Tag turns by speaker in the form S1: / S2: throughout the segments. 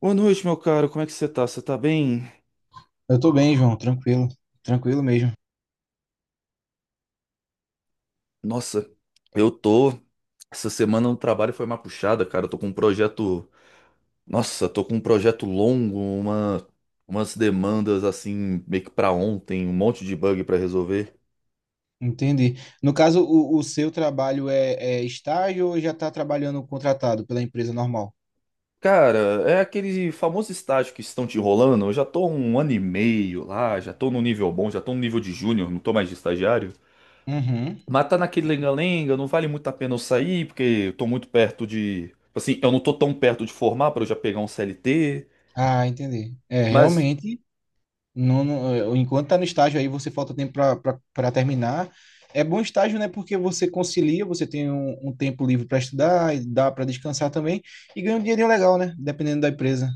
S1: Boa noite, meu caro. Como é que você tá? Você tá bem?
S2: Eu tô bem, João, tranquilo, tranquilo mesmo.
S1: Nossa, eu tô. Essa semana no trabalho foi uma puxada, cara. Eu tô com um projeto. Nossa, tô com um projeto longo, umas demandas assim, meio que pra ontem, um monte de bug pra resolver.
S2: Entendi. No caso, o seu trabalho é estágio ou já está trabalhando contratado pela empresa normal?
S1: Cara, é aquele famoso estágio que estão te enrolando. Eu já tô há um ano e meio lá, já tô no nível bom, já tô no nível de júnior, não tô mais de estagiário.
S2: Uhum.
S1: Mas tá naquele lenga-lenga, não vale muito a pena eu sair, porque eu tô muito perto de. Tipo assim, eu não tô tão perto de formar pra eu já pegar um CLT.
S2: Ah, entendi. É,
S1: Mas,
S2: realmente, não, não- enquanto tá no estágio aí, você falta tempo para terminar. É bom estágio, né? Porque você concilia, você tem um tempo livre para estudar, e dá para descansar também, e ganha um dinheirinho legal, né? Dependendo da empresa.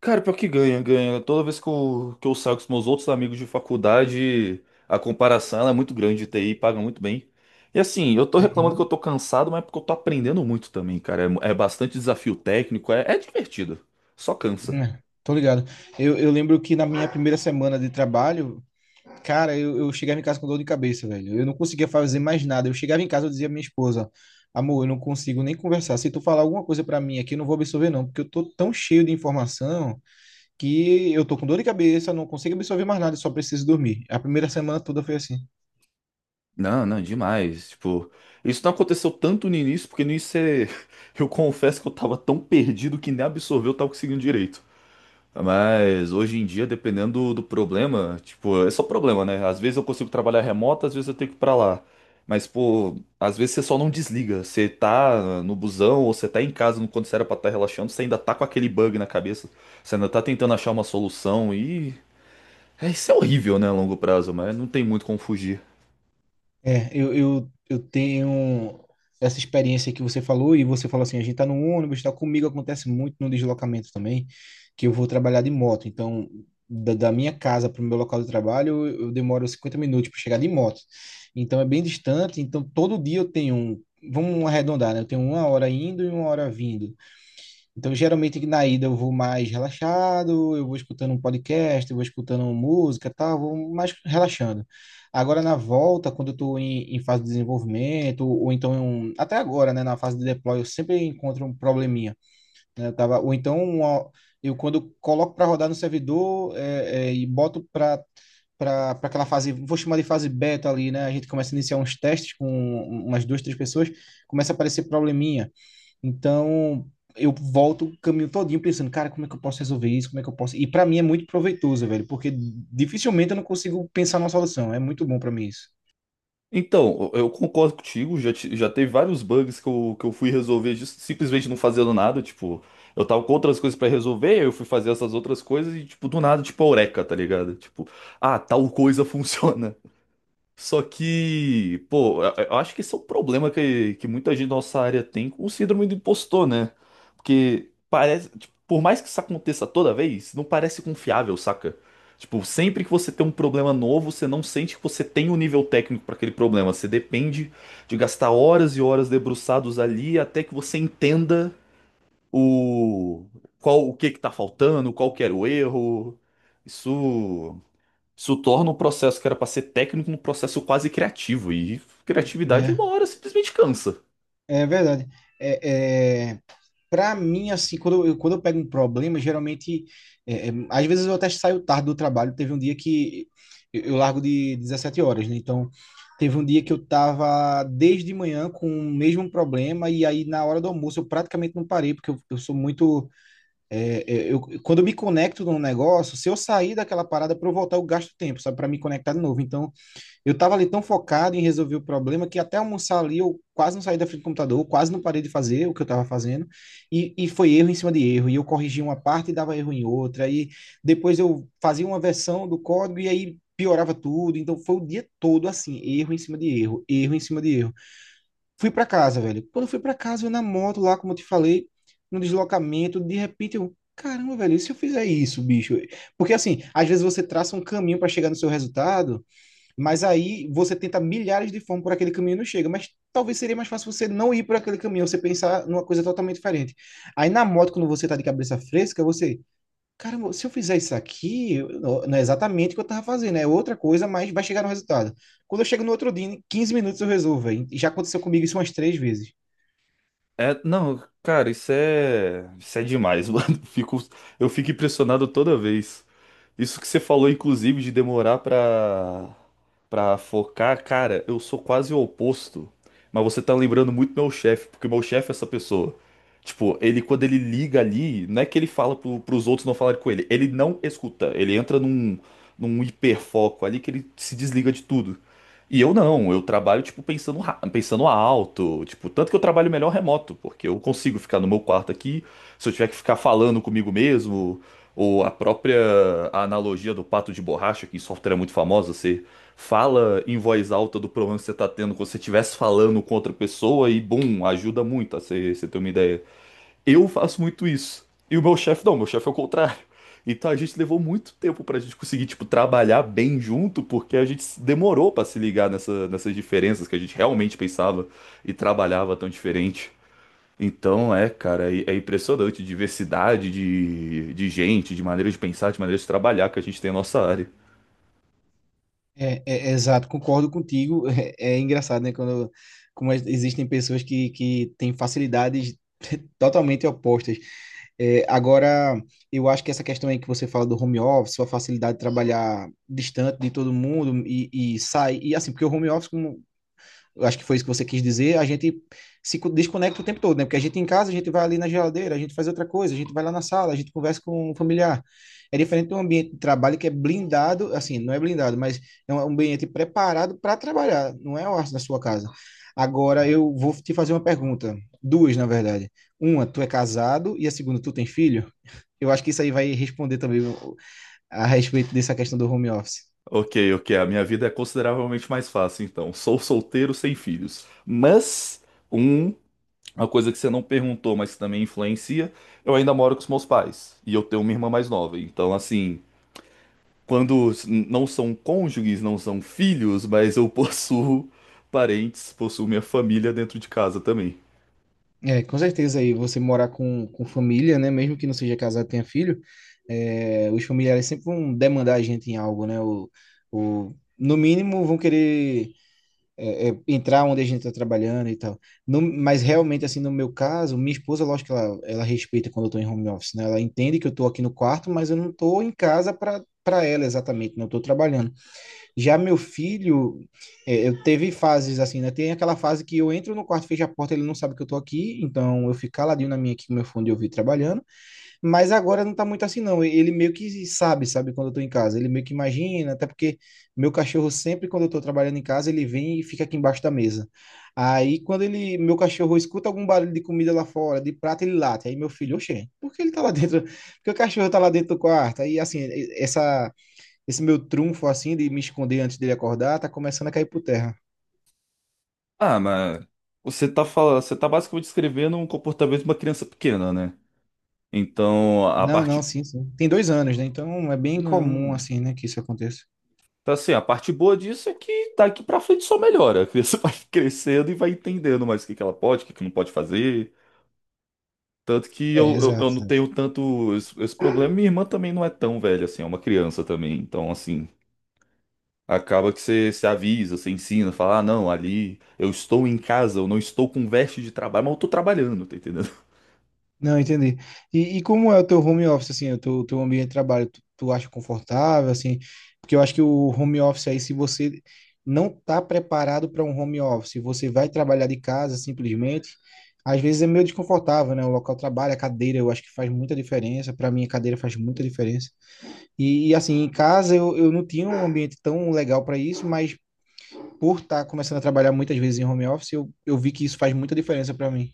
S1: cara, pior que ganha, ganha. Toda vez que que eu saio com os meus outros amigos de faculdade, a comparação ela é muito grande de TI, paga muito bem. E assim, eu tô reclamando que eu
S2: Uhum.
S1: tô cansado, mas é porque eu tô aprendendo muito também, cara. É, é bastante desafio técnico, é, é divertido. Só cansa.
S2: É, tô ligado. Eu lembro que na minha primeira semana de trabalho. Cara, eu chegava em casa com dor de cabeça, velho. Eu não conseguia fazer mais nada. Eu chegava em casa, eu dizia à minha esposa, amor, eu não consigo nem conversar. Se tu falar alguma coisa pra mim aqui, eu não vou absorver, não, porque eu tô tão cheio de informação que eu tô com dor de cabeça, não consigo absorver mais nada, eu só preciso dormir. A primeira semana toda foi assim.
S1: Não, não, demais. Tipo, isso não aconteceu tanto no início, porque no início eu confesso que eu tava tão perdido que nem absorver eu tava conseguindo direito. Mas hoje em dia, dependendo do problema, tipo, é só problema, né? Às vezes eu consigo trabalhar remoto, às vezes eu tenho que ir pra lá. Mas, pô, às vezes você só não desliga. Você tá no busão ou você tá em casa quando você era pra estar relaxando, você ainda tá com aquele bug na cabeça. Você ainda tá tentando achar uma solução e. É, isso é horrível, né, a longo prazo, mas não tem muito como fugir.
S2: É, eu tenho essa experiência que você falou, e você falou assim, a gente tá no ônibus, tá comigo, acontece muito no deslocamento também, que eu vou trabalhar de moto. Então, da minha casa para o meu local de trabalho, eu demoro 50 minutos para chegar de moto, então é bem distante. Então todo dia eu tenho, vamos arredondar, né? Eu tenho uma hora indo e uma hora vindo. Então, geralmente na ida eu vou mais relaxado, eu vou escutando um podcast, eu vou escutando música, tá, vou mais relaxando. Agora na volta, quando eu estou em, fase de desenvolvimento, ou então até agora, né, na fase de deploy, eu sempre encontro um probleminha, né? Eu tava, ou então eu, quando coloco para rodar no servidor e boto para aquela fase, vou chamar de fase beta ali, né? A gente começa a iniciar uns testes com umas duas, três pessoas, começa a aparecer probleminha. Então, eu volto o caminho todinho pensando, cara, como é que eu posso resolver isso? Como é que eu posso? E para mim é muito proveitoso, velho, porque dificilmente eu não consigo pensar numa solução. É muito bom para mim isso,
S1: Então, eu concordo contigo, já, já teve vários bugs que eu, que eu fui resolver simplesmente não fazendo nada, tipo, eu tava com outras coisas pra resolver, eu fui fazer essas outras coisas e, tipo, do nada, tipo, eureka, tá ligado? Tipo, ah, tal coisa funciona. Só que, pô, eu acho que esse é um problema que muita gente da nossa área tem com o síndrome do impostor, né? Porque parece, tipo, por mais que isso aconteça toda vez, não parece confiável, saca? Tipo, sempre que você tem um problema novo, você não sente que você tem o nível técnico para aquele problema. Você depende de gastar horas e horas debruçados ali até que você entenda o qual o que tá faltando, qual que era o erro. Isso. Isso torna um processo que era pra ser técnico um processo quase criativo. E criatividade, uma
S2: né?
S1: hora, simplesmente cansa.
S2: É verdade. É, é... Para mim, assim, quando eu pego um problema, geralmente às vezes eu até saio tarde do trabalho. Teve um dia que eu largo de 17h, né? Então, teve um dia que eu tava desde manhã com o mesmo problema, e aí na hora do almoço eu praticamente não parei, porque eu sou muito. É, quando eu me conecto num negócio, se eu sair daquela parada para eu voltar, eu gasto tempo, sabe, para me conectar de novo. Então, eu tava ali tão focado em resolver o problema que até almoçar ali eu quase não saí da frente do computador, quase não parei de fazer o que eu tava fazendo, e foi erro em cima de erro. E eu corrigia uma parte e dava erro em outra, e depois eu fazia uma versão do código e aí piorava tudo. Então, foi o dia todo assim, erro em cima de erro, erro em cima de erro. Fui pra casa, velho. Quando eu fui pra casa, eu na moto lá, como eu te falei, no deslocamento, de repente eu, caramba, velho, e se eu fizer isso, bicho? Porque assim, às vezes você traça um caminho para chegar no seu resultado, mas aí você tenta milhares de formas por aquele caminho e não chega. Mas talvez seria mais fácil você não ir por aquele caminho, você pensar numa coisa totalmente diferente. Aí na moto, quando você tá de cabeça fresca, você. Caramba, se eu fizer isso aqui, não é exatamente o que eu tava fazendo, é outra coisa, mas vai chegar no resultado. Quando eu chego no outro dia, em 15 minutos eu resolvo, véi. E já aconteceu comigo isso umas três vezes.
S1: É, não, cara, isso é. Isso é demais, mano. Fico, eu fico impressionado toda vez. Isso que você falou, inclusive, de demorar pra, pra focar, cara, eu sou quase o oposto. Mas você tá lembrando muito meu chefe, porque meu chefe é essa pessoa. Tipo, ele quando ele liga ali, não é que ele fala pros outros não falarem com ele, ele não escuta, ele entra num hiperfoco ali que ele se desliga de tudo. E eu não, eu trabalho, tipo, pensando alto, tipo, tanto que eu trabalho melhor remoto, porque eu consigo ficar no meu quarto aqui, se eu tiver que ficar falando comigo mesmo. Ou a própria analogia do pato de borracha, que em software é muito famosa, você fala em voz alta do problema que você está tendo, como se você estivesse falando com outra pessoa e, bum, ajuda muito a você, você ter uma ideia. Eu faço muito isso. E o meu chefe não, meu chefe é o contrário. Então a gente levou muito tempo pra gente conseguir, tipo, trabalhar bem junto, porque a gente demorou pra se ligar nessas diferenças que a gente realmente pensava e trabalhava tão diferente. Então, é, cara, é impressionante a diversidade de gente, de maneiras de pensar, de maneiras de trabalhar que a gente tem na nossa área.
S2: É é exato, concordo contigo. É engraçado, né? Quando, existem pessoas que têm facilidades totalmente opostas. É, agora, eu acho que essa questão aí que você fala do home office, sua facilidade de trabalhar distante de todo mundo e sai. E assim, porque o home office, como eu acho que foi isso que você quis dizer, a gente se co- desconecta o tempo todo, né? Porque a gente em casa, a gente vai ali na geladeira, a gente faz outra coisa, a gente vai lá na sala, a gente conversa com o familiar. É diferente de um ambiente de trabalho que é blindado, assim, não é blindado, mas é um ambiente preparado para trabalhar, não é na sua casa. Agora eu vou te fazer uma pergunta, duas na verdade. Uma, tu é casado? E a segunda, tu tem filho? Eu acho que isso aí vai responder também a respeito dessa questão do home office.
S1: Ok, ok, a minha vida é consideravelmente mais fácil, então. Sou solteiro sem filhos. Mas, um, uma coisa que você não perguntou, mas que também influencia, eu ainda moro com os meus pais. E eu tenho uma irmã mais nova. Então, assim, não são cônjuges, não são filhos, mas eu possuo parentes, possuo minha família dentro de casa também.
S2: É, com certeza, aí você morar com família, né? Mesmo que não seja casado, tenha filho, os familiares sempre vão demandar a gente em algo, né? No mínimo vão querer entrar onde a gente está trabalhando e tal. No, mas realmente, assim, no meu caso, minha esposa, lógico que ela respeita quando eu estou em home office, né? Ela entende que eu estou aqui no quarto, mas eu não estou em casa para ela exatamente, não estou trabalhando. Já meu filho, eu teve fases assim, né? Tem aquela fase que eu entro no quarto, fecho a porta, ele não sabe que eu tô aqui, então eu fico caladinho na minha aqui com meu fone de ouvido trabalhando. Mas agora não tá muito assim, não. Ele meio que sabe, sabe, quando eu tô em casa. Ele meio que imagina, até porque meu cachorro sempre, quando eu tô trabalhando em casa, ele vem e fica aqui embaixo da mesa. Aí, quando meu cachorro escuta algum barulho de comida lá fora, de prato, ele late. Aí, meu filho, oxê, por que ele tá lá dentro? Por que o cachorro tá lá dentro do quarto? Aí, assim, essa esse meu trunfo assim de me esconder antes dele acordar tá começando a cair por terra.
S1: Ah, mas você tá falando, você tá basicamente descrevendo um comportamento de uma criança pequena, né? Então, a
S2: Não,
S1: parte
S2: não, sim, sim. Tem 2 anos, né? Então é bem comum
S1: não,
S2: assim, né, que isso aconteça.
S1: tá assim, a parte boa disso é que daqui pra frente só melhora. A criança vai crescendo e vai entendendo mais o que que ela pode, o que que não pode fazer. Tanto que
S2: É,
S1: eu
S2: exato.
S1: não
S2: Exato.
S1: tenho tanto esse problema. Minha irmã também não é tão velha assim, é uma criança também. Então, assim, acaba que você se avisa, você ensina, fala, ah, não, ali eu estou em casa, eu não estou com veste de trabalho, mas eu tô trabalhando, tá entendendo?
S2: Não, entendi. E como é o teu home office, assim, o teu ambiente de trabalho? Tu acha confortável, assim? Porque eu acho que o home office aí, se você não tá preparado para um home office, você vai trabalhar de casa simplesmente, às vezes é meio desconfortável, né? O local de trabalho, a cadeira, eu acho que faz muita diferença. Para mim, a cadeira faz muita diferença. Assim, em casa eu não tinha um ambiente tão legal para isso, mas por estar começando a trabalhar muitas vezes em home office, eu vi que isso faz muita diferença para mim.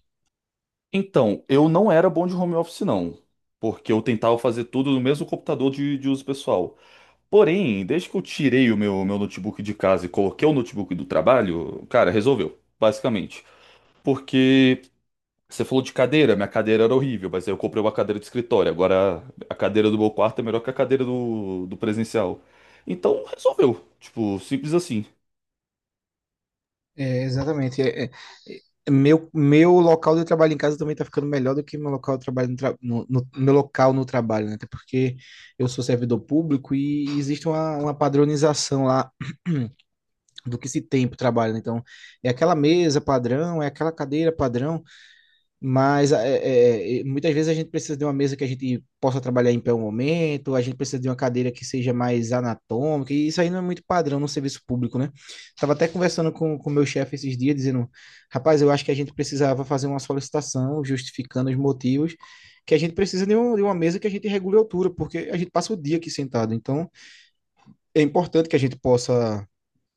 S1: Então, eu não era bom de home office, não, porque eu tentava fazer tudo no mesmo computador de uso pessoal. Porém, desde que eu tirei o meu notebook de casa e coloquei o notebook do trabalho, cara, resolveu, basicamente. Porque você falou de cadeira, minha cadeira era horrível, mas aí eu comprei uma cadeira de escritório. Agora, a cadeira do meu quarto é melhor que a cadeira do presencial. Então, resolveu. Tipo, simples assim.
S2: É, exatamente. Meu local de trabalho em casa também está ficando melhor do que meu local de trabalho meu local no trabalho, né? Até porque eu sou servidor público e existe uma padronização lá do que se tem para o trabalho, né? Então, é aquela mesa padrão, é aquela cadeira padrão. Mas muitas vezes a gente precisa de uma mesa que a gente possa trabalhar em pé um momento, a gente precisa de uma cadeira que seja mais anatômica, e isso aí não é muito padrão no serviço público, né? Estava até conversando com o meu chefe esses dias, dizendo: rapaz, eu acho que a gente precisava fazer uma solicitação justificando os motivos, que a gente precisa de uma mesa que a gente regule a altura, porque a gente passa o dia aqui sentado. Então é importante que a gente possa,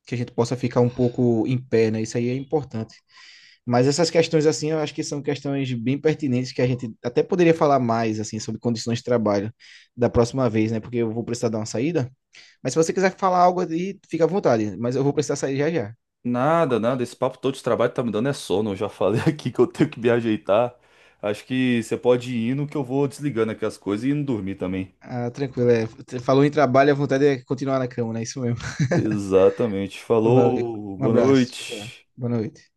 S2: que a gente possa ficar um pouco em pé, né? Isso aí é importante. Mas essas questões, assim, eu acho que são questões bem pertinentes que a gente até poderia falar mais, assim, sobre condições de trabalho da próxima vez, né? Porque eu vou precisar dar uma saída. Mas se você quiser falar algo aí, fica à vontade. Mas eu vou precisar sair já já.
S1: Nada, nada. Esse papo todo de trabalho tá me dando é sono. Eu já falei aqui que eu tenho que me ajeitar. Acho que você pode ir indo que eu vou desligando aqui as coisas e indo dormir também.
S2: Ah, tranquilo. É. Falou em trabalho, a vontade é continuar na cama, né? Isso mesmo.
S1: Exatamente.
S2: Valeu.
S1: Falou,
S2: Um
S1: boa
S2: abraço. Tchau, tchau.
S1: noite.
S2: Boa noite.